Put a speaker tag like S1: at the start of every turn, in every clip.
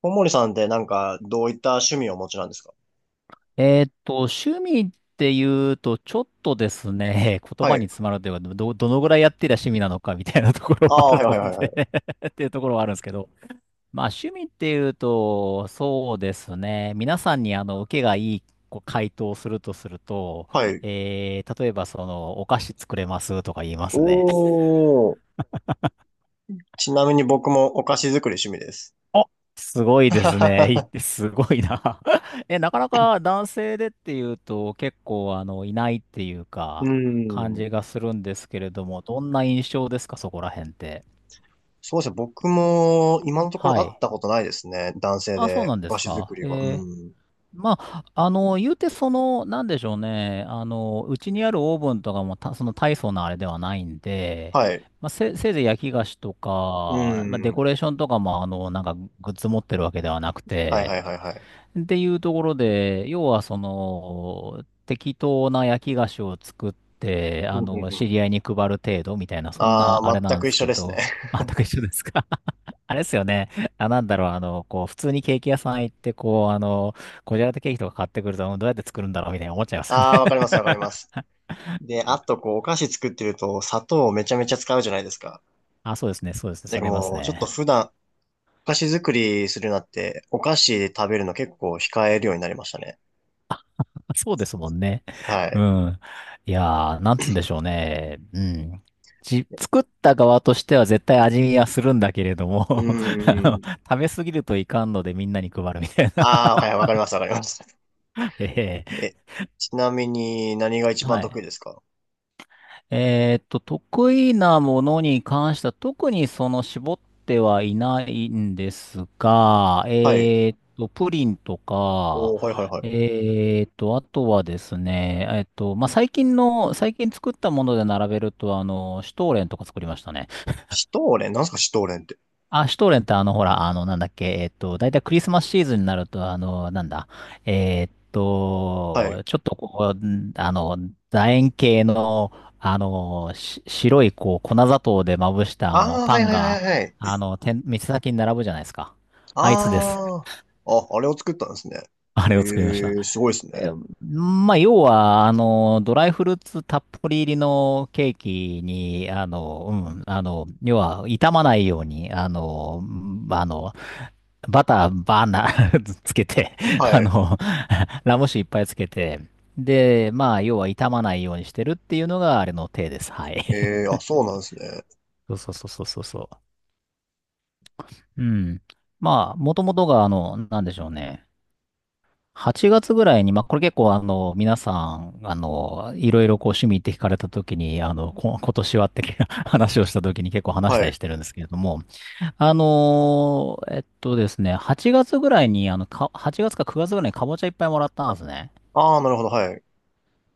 S1: 小森さんってなんか、どういった趣味をお持ちなんですか？
S2: 趣味っていうと、ちょっとですね、言
S1: は
S2: 葉
S1: い。
S2: に詰まるというか、どのぐらいやってりゃ趣味なのかみたいなところ
S1: あ
S2: はあ
S1: あ、は
S2: る
S1: いはいは
S2: の
S1: いはい。
S2: で っていうところはあるんですけど、まあ趣味っていうと、そうですね、皆さんに受けがいいこう回答をすると、
S1: はい。
S2: 例えばその、お菓子作れますとか言いま
S1: お
S2: すね。
S1: ー。ちなみに僕もお菓子作り趣味です。
S2: あ、すごいですね。い い、すごいな。え、なかなか男性でっていうと結構いないっていう
S1: う
S2: か、感
S1: ん。
S2: じがするんですけれども、どんな印象ですか、そこら辺って。
S1: そうですね。僕も今のところ
S2: は
S1: 会っ
S2: い。
S1: たことないですね。男性
S2: あ、そう
S1: で
S2: なんで
S1: お菓
S2: す
S1: 子
S2: か。
S1: 作りは。
S2: え
S1: う
S2: ー、
S1: ん。
S2: まあ、言うてその、なんでしょうね。うちにあるオーブンとかもた、その大層なあれではないんで、
S1: はい。
S2: まあ、せいぜい焼き菓子と
S1: う
S2: か、まあ、デコ
S1: ん。
S2: レーションとかも、なんかグッズ持ってるわけではなく
S1: はいは
S2: て、
S1: いはいはい。
S2: っていうところで、要はその、適当な焼き菓子を作って、
S1: うんうん
S2: 知
S1: う
S2: り合
S1: ん。
S2: いに配る程度みたいな、そん
S1: あ
S2: なあれ
S1: あ、全
S2: なんで
S1: く一
S2: す
S1: 緒
S2: け
S1: ですね。
S2: ど、あ、なんか一緒ですか？ あれですよね。あ、なんだろう、普通にケーキ屋さん行って、こじゃれたケーキとか買ってくると、うん、どうやって作るんだろうみたいな思っちゃいま すね。
S1: ああ、わか りますわかります。で、あとこう、お菓子作ってると砂糖をめちゃめちゃ使うじゃないですか。
S2: あ、そうですね、そうですね、
S1: で、
S2: それます
S1: もうちょっと
S2: ね。
S1: 普段、お菓子作りするようになって、お菓子で食べるの結構控えるようになりましたね。
S2: そうですもんね。
S1: は
S2: う
S1: い。
S2: ん。いやー、なんつうんでしょうね。うん。作った側としては絶対味見はするんだけれども、
S1: う ー
S2: あの
S1: ん。
S2: 食べすぎるといかんのでみんなに配るみたいな。
S1: ああ、はい、わかります、わかります。
S2: ええ、
S1: え、ちなみに何が一
S2: は
S1: 番得意
S2: い。
S1: ですか？
S2: 得意なものに関しては特にその絞ってはいないんですが、
S1: はい。
S2: プリンとか、
S1: おー、はいはいはい。
S2: えーっと、あとはですね、えーっと、まあ、最近作ったもので並べると、シュトーレンとか作りましたね。
S1: シュトーレンなんすかシュトーレンって？
S2: あ、シュトーレンってなんだっけ、だいたいクリスマスシーズンになると、なんだ、
S1: はい。
S2: ちょっとこう、楕円形の、し白い、こう、粉砂糖でまぶした、
S1: ああ、は
S2: パ
S1: い
S2: ン
S1: はいは
S2: が、
S1: いはい。
S2: 店先に並ぶじゃないですか。あいつです。
S1: ああ、あ、あれを作ったんですね。
S2: あれ
S1: え
S2: を作りました。
S1: えー、すごいですね。
S2: え、まあ、要は、ドライフルーツたっぷり入りのケーキに、要は、傷まないように、んあの、バターバーナー つけて、あ
S1: はい。
S2: の、ラム酒いっぱいつけて、で、まあ、要は傷まないようにしてるっていうのが、あれの手です。はい。
S1: ええー、あ、そうなんですね。
S2: そうそうそうそうそうそう。うん。まあ、もともとが、なんでしょうね。8月ぐらいに、まあ、これ結構、皆さん、あの、いろいろこう、趣味って聞かれた時に、今年はって 話をした時に結構話し
S1: は
S2: たり
S1: い。
S2: してるんですけれども、あのーえっとですね、8月ぐらいに、8月か9月ぐらいにかぼちゃいっぱいもらったんですね。
S1: ああ、なるほど、はい。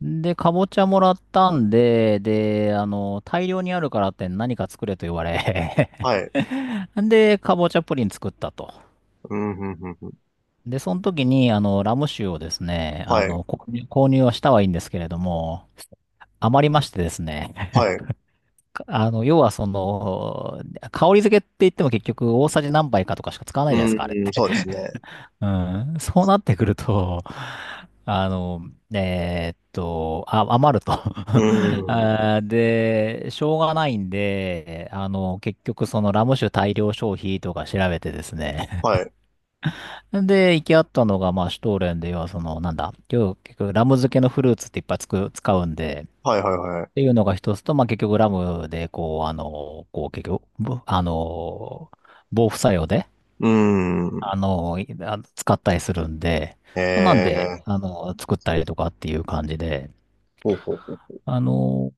S2: で、かぼちゃもらったんで、で、大量にあるからって何か作れと言われ、
S1: はい。
S2: で、かぼちゃプリン作ったと。
S1: うん、うん、うん、うん。
S2: で、その時に、ラム酒をですね、
S1: はい。
S2: 購入はしたはいいんですけれども、余りましてですね、
S1: はい。
S2: かあの、要はその、香り付けって言っても結局大さじ何杯かとかしか使わない
S1: う
S2: じゃないです
S1: ん、
S2: か、あれっ
S1: うん
S2: て。
S1: そうですね。
S2: うん、そうなってくると、あの、余ると、
S1: う ーん。
S2: あー、で、しょうがないんで、結局そのラム酒大量消費とか調べてですね。
S1: はい。
S2: で、行き合ったのが、まあ、シュトーレンで、要はその、なんだ、今日結局ラム漬けのフルーツっていっぱいつく、使うんで、
S1: はいはいは
S2: ってい
S1: い。
S2: うのが一つと、まあ、結局ラムで、結局、ぶあの、防腐作用で、
S1: うーん。
S2: 使ったりするんで、
S1: え
S2: なん
S1: え
S2: で、
S1: ー。
S2: 作ったりとかっていう感じで、
S1: ほうほうほう。
S2: あの、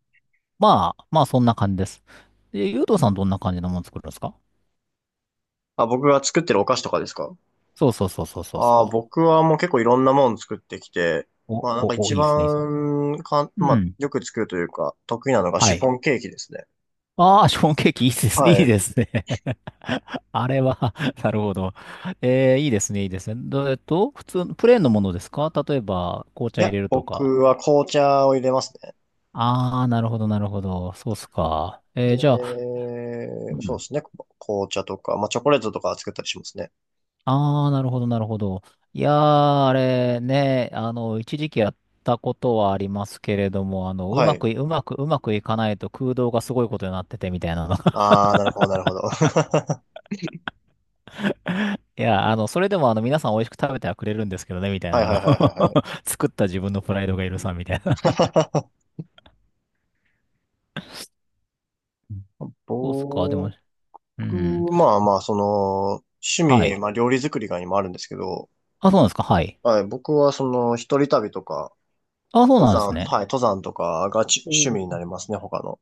S2: まあそんな感じです。で、ゆうと
S1: う
S2: さん、
S1: ん、
S2: どんな感じのもの作るんですか？
S1: あ、僕が作ってるお菓子とかですか？
S2: そうそうそうそうそう
S1: ああー、
S2: そ
S1: 僕はもう結構いろんなもの作ってきて、
S2: う。
S1: まあなん
S2: お、
S1: か
S2: お、お、
S1: 一
S2: いいですね、いいですね。
S1: 番かん、ま
S2: う
S1: あ
S2: ん。
S1: よく作るというか、得意なのがシ
S2: は
S1: フォ
S2: い。
S1: ンケーキですね。
S2: ああ、ショーンケーキいいですね、い
S1: は
S2: い
S1: い。
S2: ですね。あれは なるほど。えー、いいですね、いいですね。ど、普通の、プレーンのものですか？例えば、紅
S1: い
S2: 茶入
S1: や、
S2: れるとか。
S1: 僕は紅茶を入れますね。
S2: ああ、なるほど、なるほど。そうっすか。えー、じゃあ、
S1: で、
S2: う
S1: そう
S2: ん、
S1: ですね。紅茶とか、まあチョコレートとか作ったりしますね。
S2: ああ、なるほど、なるほど。いやー、あれね、一時期やったことはありますけれども、
S1: はい。
S2: うまくいかないと空洞がすごいことになっててみたいなのが。
S1: ああ、なるほど、なるほど。
S2: いや、あの、それでもあの、皆さん美味しく食べてはくれるんですけどね、みたい
S1: はい
S2: な、
S1: はいはいはいはい。
S2: 作った自分のプライドが許さんみたいな。うん。 そうっすか、で
S1: ぼ
S2: も、う
S1: 僕、
S2: ん。
S1: まあまあ、その、趣
S2: は
S1: 味、
S2: い。
S1: まあ料理作りが今あるんですけど、
S2: あ、そうなんですか、はい。
S1: はい、僕はその、一人旅とか、
S2: あ、そう
S1: 登
S2: なんです
S1: 山、は
S2: ね。
S1: い、登山とかがち趣味にな
S2: お、
S1: りますね、他の。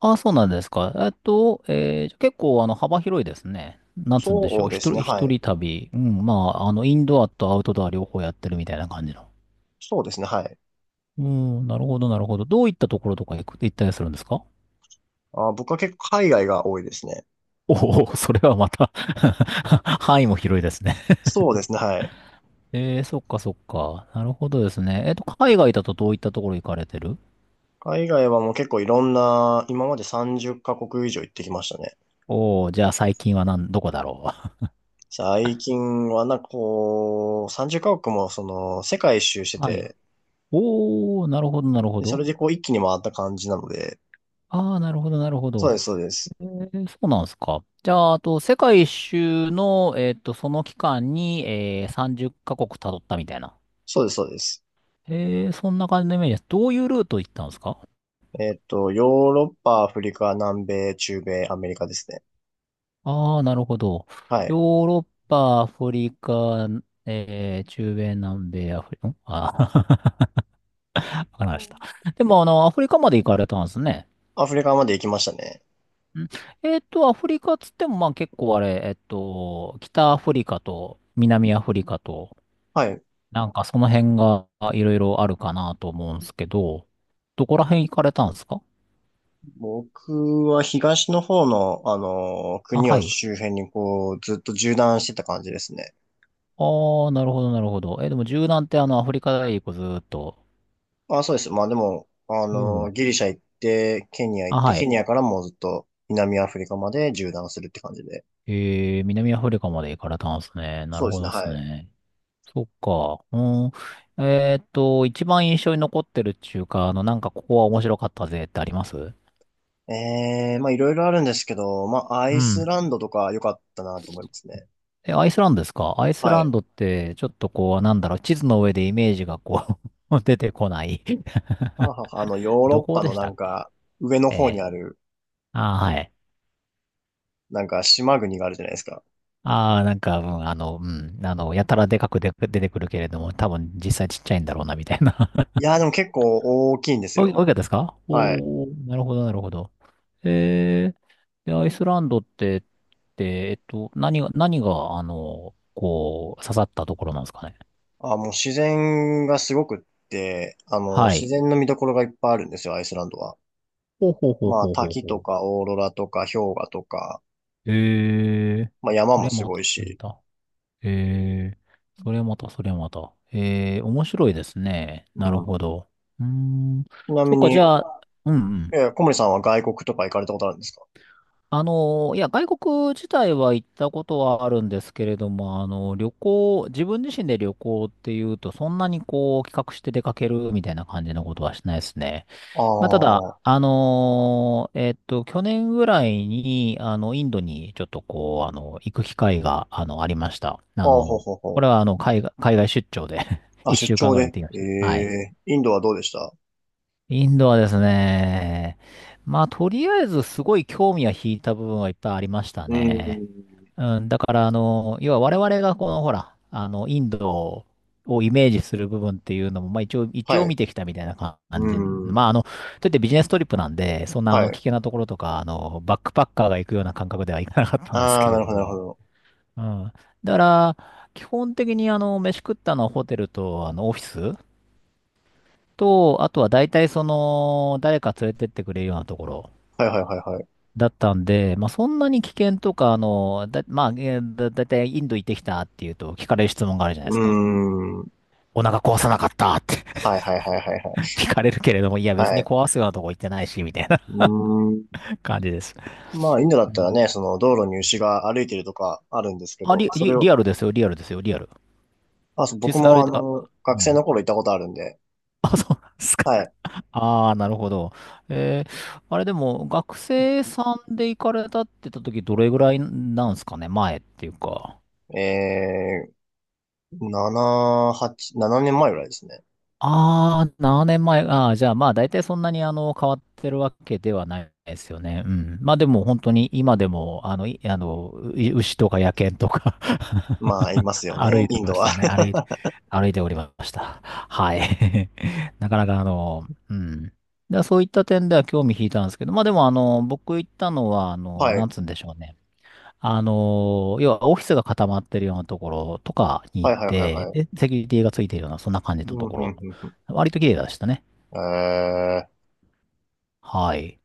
S2: あ、そうなんですか。じゃあ結構あの幅広いですね。なんつうんでし
S1: そ
S2: ょ
S1: う
S2: う。
S1: ですね、は
S2: 一
S1: い。
S2: 人旅。うん、まあ、インドアとアウトドア両方やってるみたいな感じの。
S1: そうですね、はい。
S2: うん、なるほど、なるほど。どういったところとか行ったりするんですか？
S1: あ、僕は結構海外が多いですね。
S2: おおー、それはまた 範囲も広いですね。
S1: そうですね、はい。
S2: えー、そっかそっか。なるほどですね。海外だとどういったところ行かれてる？
S1: 海外はもう結構いろんな、今まで30カ国以上行ってきましたね。
S2: おおー、じゃあ最近はなん、どこだろ
S1: 最近はなんかこう、30カ国もその、世界一周して
S2: う。はい。
S1: て、
S2: おお、なるほど、なるほ
S1: でそ
S2: ど。
S1: れでこう一気に回った感じなので、
S2: ああ、なるほど、なるほ
S1: そう
S2: ど。
S1: です、そうです。
S2: えー、そうなんですか。じゃあ、あと、世界一周の、その期間に、えー、30カ国辿ったみたいな。
S1: そうです、そうです。
S2: えー、そんな感じのイメージです。どういうルート行ったんですか？
S1: えっと、ヨーロッパ、アフリカ、南米、中米、アメリカですね。
S2: ああー、なるほど。
S1: は
S2: ヨ
S1: い。
S2: ーロッパ、アフリカ、中米、南米、アフリカ、あー、わかりま
S1: う
S2: した。
S1: ん、
S2: でも、アフリカまで行かれたんですね。
S1: アフリカまで行きましたね。
S2: ん、アフリカっつっても、まあ結構あれ、北アフリカと南アフリカと、
S1: はい。
S2: なんかその辺がいろいろあるかなと思うんですけど、どこら辺行かれたんですか？
S1: 僕は東の方の、あの、
S2: あ、
S1: 国
S2: は
S1: を
S2: い。
S1: 周辺にこう、ずっと縦断してた感じですね。
S2: ああ、なるほど、なるほど。え、でも柔軟ってアフリカ大陸ずーっと。
S1: あ、そうです。まあでも、あ
S2: う
S1: の、
S2: ん。
S1: ギリシャ行って、ケニア行
S2: あ、
S1: って、
S2: は
S1: ケ
S2: い。
S1: ニアからもうずっと南アフリカまで縦断するって感じで。
S2: えー、南アフリカまで行かれたんですね。な
S1: そ
S2: る
S1: うで
S2: ほ
S1: すね。
S2: どです
S1: はい。
S2: ね。そっか。うん。一番印象に残ってるっていうか、なんかここは面白かったぜってあります？
S1: ええ、まあいろいろあるんですけど、まあア
S2: う
S1: イス
S2: ん。
S1: ランドとか良かったなと思いますね。
S2: え、アイスランドですか？アイス
S1: は
S2: ラン
S1: い。
S2: ドって、ちょっとこう、なんだろう、地図の上でイメージがこう、 出てこない。
S1: はあはあはあ、あの、ヨー ロ
S2: ど
S1: ッ
S2: こ
S1: パ
S2: で
S1: の
S2: し
S1: な
S2: たっ
S1: ん
S2: け？
S1: か、上の
S2: え
S1: 方に
S2: え。
S1: ある、
S2: ああ、はい。
S1: なんか島国があるじゃないですか。
S2: ああ、なんか、うん、やたらでかくで出てくるけれども、多分実際ちっちゃいんだろうな、みたいな。
S1: いやーでも結構大きいんです
S2: おい、
S1: よ。
S2: おいかったですか？
S1: はい。
S2: おおー、なるほど、なるほど。ええ、でアイスランドって、で、何が、刺さったところなんですかね？
S1: あ、もう自然がすごくって、あの、
S2: は
S1: 自
S2: い。
S1: 然の見どころがいっぱいあるんですよ、アイスランドは。
S2: ほうほうほう
S1: まあ、
S2: ほうほう
S1: 滝
S2: ほ
S1: と
S2: う。
S1: かオーロラとか氷河とか、
S2: ええ、
S1: まあ山
S2: これ
S1: も
S2: は
S1: す
S2: ま
S1: ご
S2: た、
S1: い
S2: それはま
S1: し。
S2: た。ええ、それまた、それまた。ええ、面白いですね。
S1: う
S2: なる
S1: ん。
S2: ほど。うーん。
S1: ちな
S2: そ
S1: み
S2: っか、
S1: に、
S2: じゃあ、うんうん。
S1: 小森さんは外国とか行かれたことあるんですか？
S2: いや、外国自体は行ったことはあるんですけれども、旅行、自分自身で旅行っていうと、そんなにこう、企画して出かけるみたいな感じのことはしないですね。
S1: あ
S2: まあ、ただ、
S1: あ、あ、
S2: 去年ぐらいに、インドにちょっとこう、行く機会が、ありました。
S1: ほうほうほ
S2: こ
S1: う。
S2: れは、海外出張で
S1: あ、
S2: 一
S1: 出
S2: 週間
S1: 張
S2: ぐらい行っ
S1: で。
S2: てきま
S1: え
S2: した。はい。
S1: え、インドはどうでした？
S2: インドはですね、まあ、とりあえずすごい興味は引いた部分はいっぱいありました
S1: うー
S2: ね。
S1: ん。
S2: うん、だから、要は我々がこの、ほら、インドをイメージする部分っていうのも、まあ一応、一
S1: は
S2: 応
S1: い。
S2: 見てきたみたいな感じ。
S1: うー
S2: ま
S1: ん。
S2: あ、といってビジネストリップなんで、そんな、
S1: は
S2: 危
S1: い。
S2: 険なところとか、バックパッカーが行くような感覚ではいかなかったんです
S1: ああ、
S2: け
S1: な
S2: れ
S1: る
S2: ど
S1: ほど、なるほ
S2: も。
S1: ど。
S2: うん。だから、基本的に、飯食ったのはホテルと、オフィスと、あとは大体その、誰か連れてってくれるようなところ。
S1: はいはいはいはい。
S2: だったんで、まあ、そんなに危険とか、まあ、だいたいインド行ってきたっていうと聞かれる質問があるじゃないで
S1: う
S2: すか。
S1: ーん。は
S2: お腹壊さなかったって
S1: いはいはいはいはい。
S2: 聞かれるけれども、いや別
S1: は
S2: に
S1: い。
S2: 壊すようなとこ行ってないし、みたいな
S1: うーん。
S2: 感じです。
S1: まあ、インドだっ
S2: う
S1: たら
S2: ん。
S1: ね、その道路に牛が歩いてるとかあるんですけ
S2: あ、
S1: ど、それを、
S2: リアルですよ、リアルですよ、リアル。
S1: あ、そう、僕
S2: 実際あ
S1: も
S2: れ、
S1: あ
S2: あ、
S1: の、
S2: う
S1: 学生
S2: ん。
S1: の頃行ったことあるんで、
S2: あ、そうなんですか。
S1: はい。
S2: ああ、なるほど。えー、あれでも、学生さんで行かれたって言った時、どれぐらいなんですかね、前っていうか。
S1: え7、8、7年前ぐらいですね。
S2: ああ、7年前。ああ、じゃあまあ大体そんなにあの変わってるわけではないですよね。うん。まあでも本当に今でも牛とか野犬とか
S1: まあ、います よ
S2: 歩
S1: ね、
S2: いて
S1: イン
S2: ま
S1: ド
S2: し
S1: は。
S2: たね。歩いて、歩いておりました。はい。なかなかあの、うん。だそういった点では興味引いたんですけど、まあでもあの、僕行ったのはあ の、
S1: は
S2: な
S1: い。
S2: んつうんでしょうね。要はオフィスが固まってるようなところとかに
S1: は
S2: 行っ
S1: いはいはい
S2: て、
S1: はい。
S2: で、セキュリティがついてるような、そんな感じの
S1: うん、
S2: と
S1: う
S2: ころ。
S1: ん、うん。
S2: 割と綺麗でしたね。
S1: うんえー
S2: はい。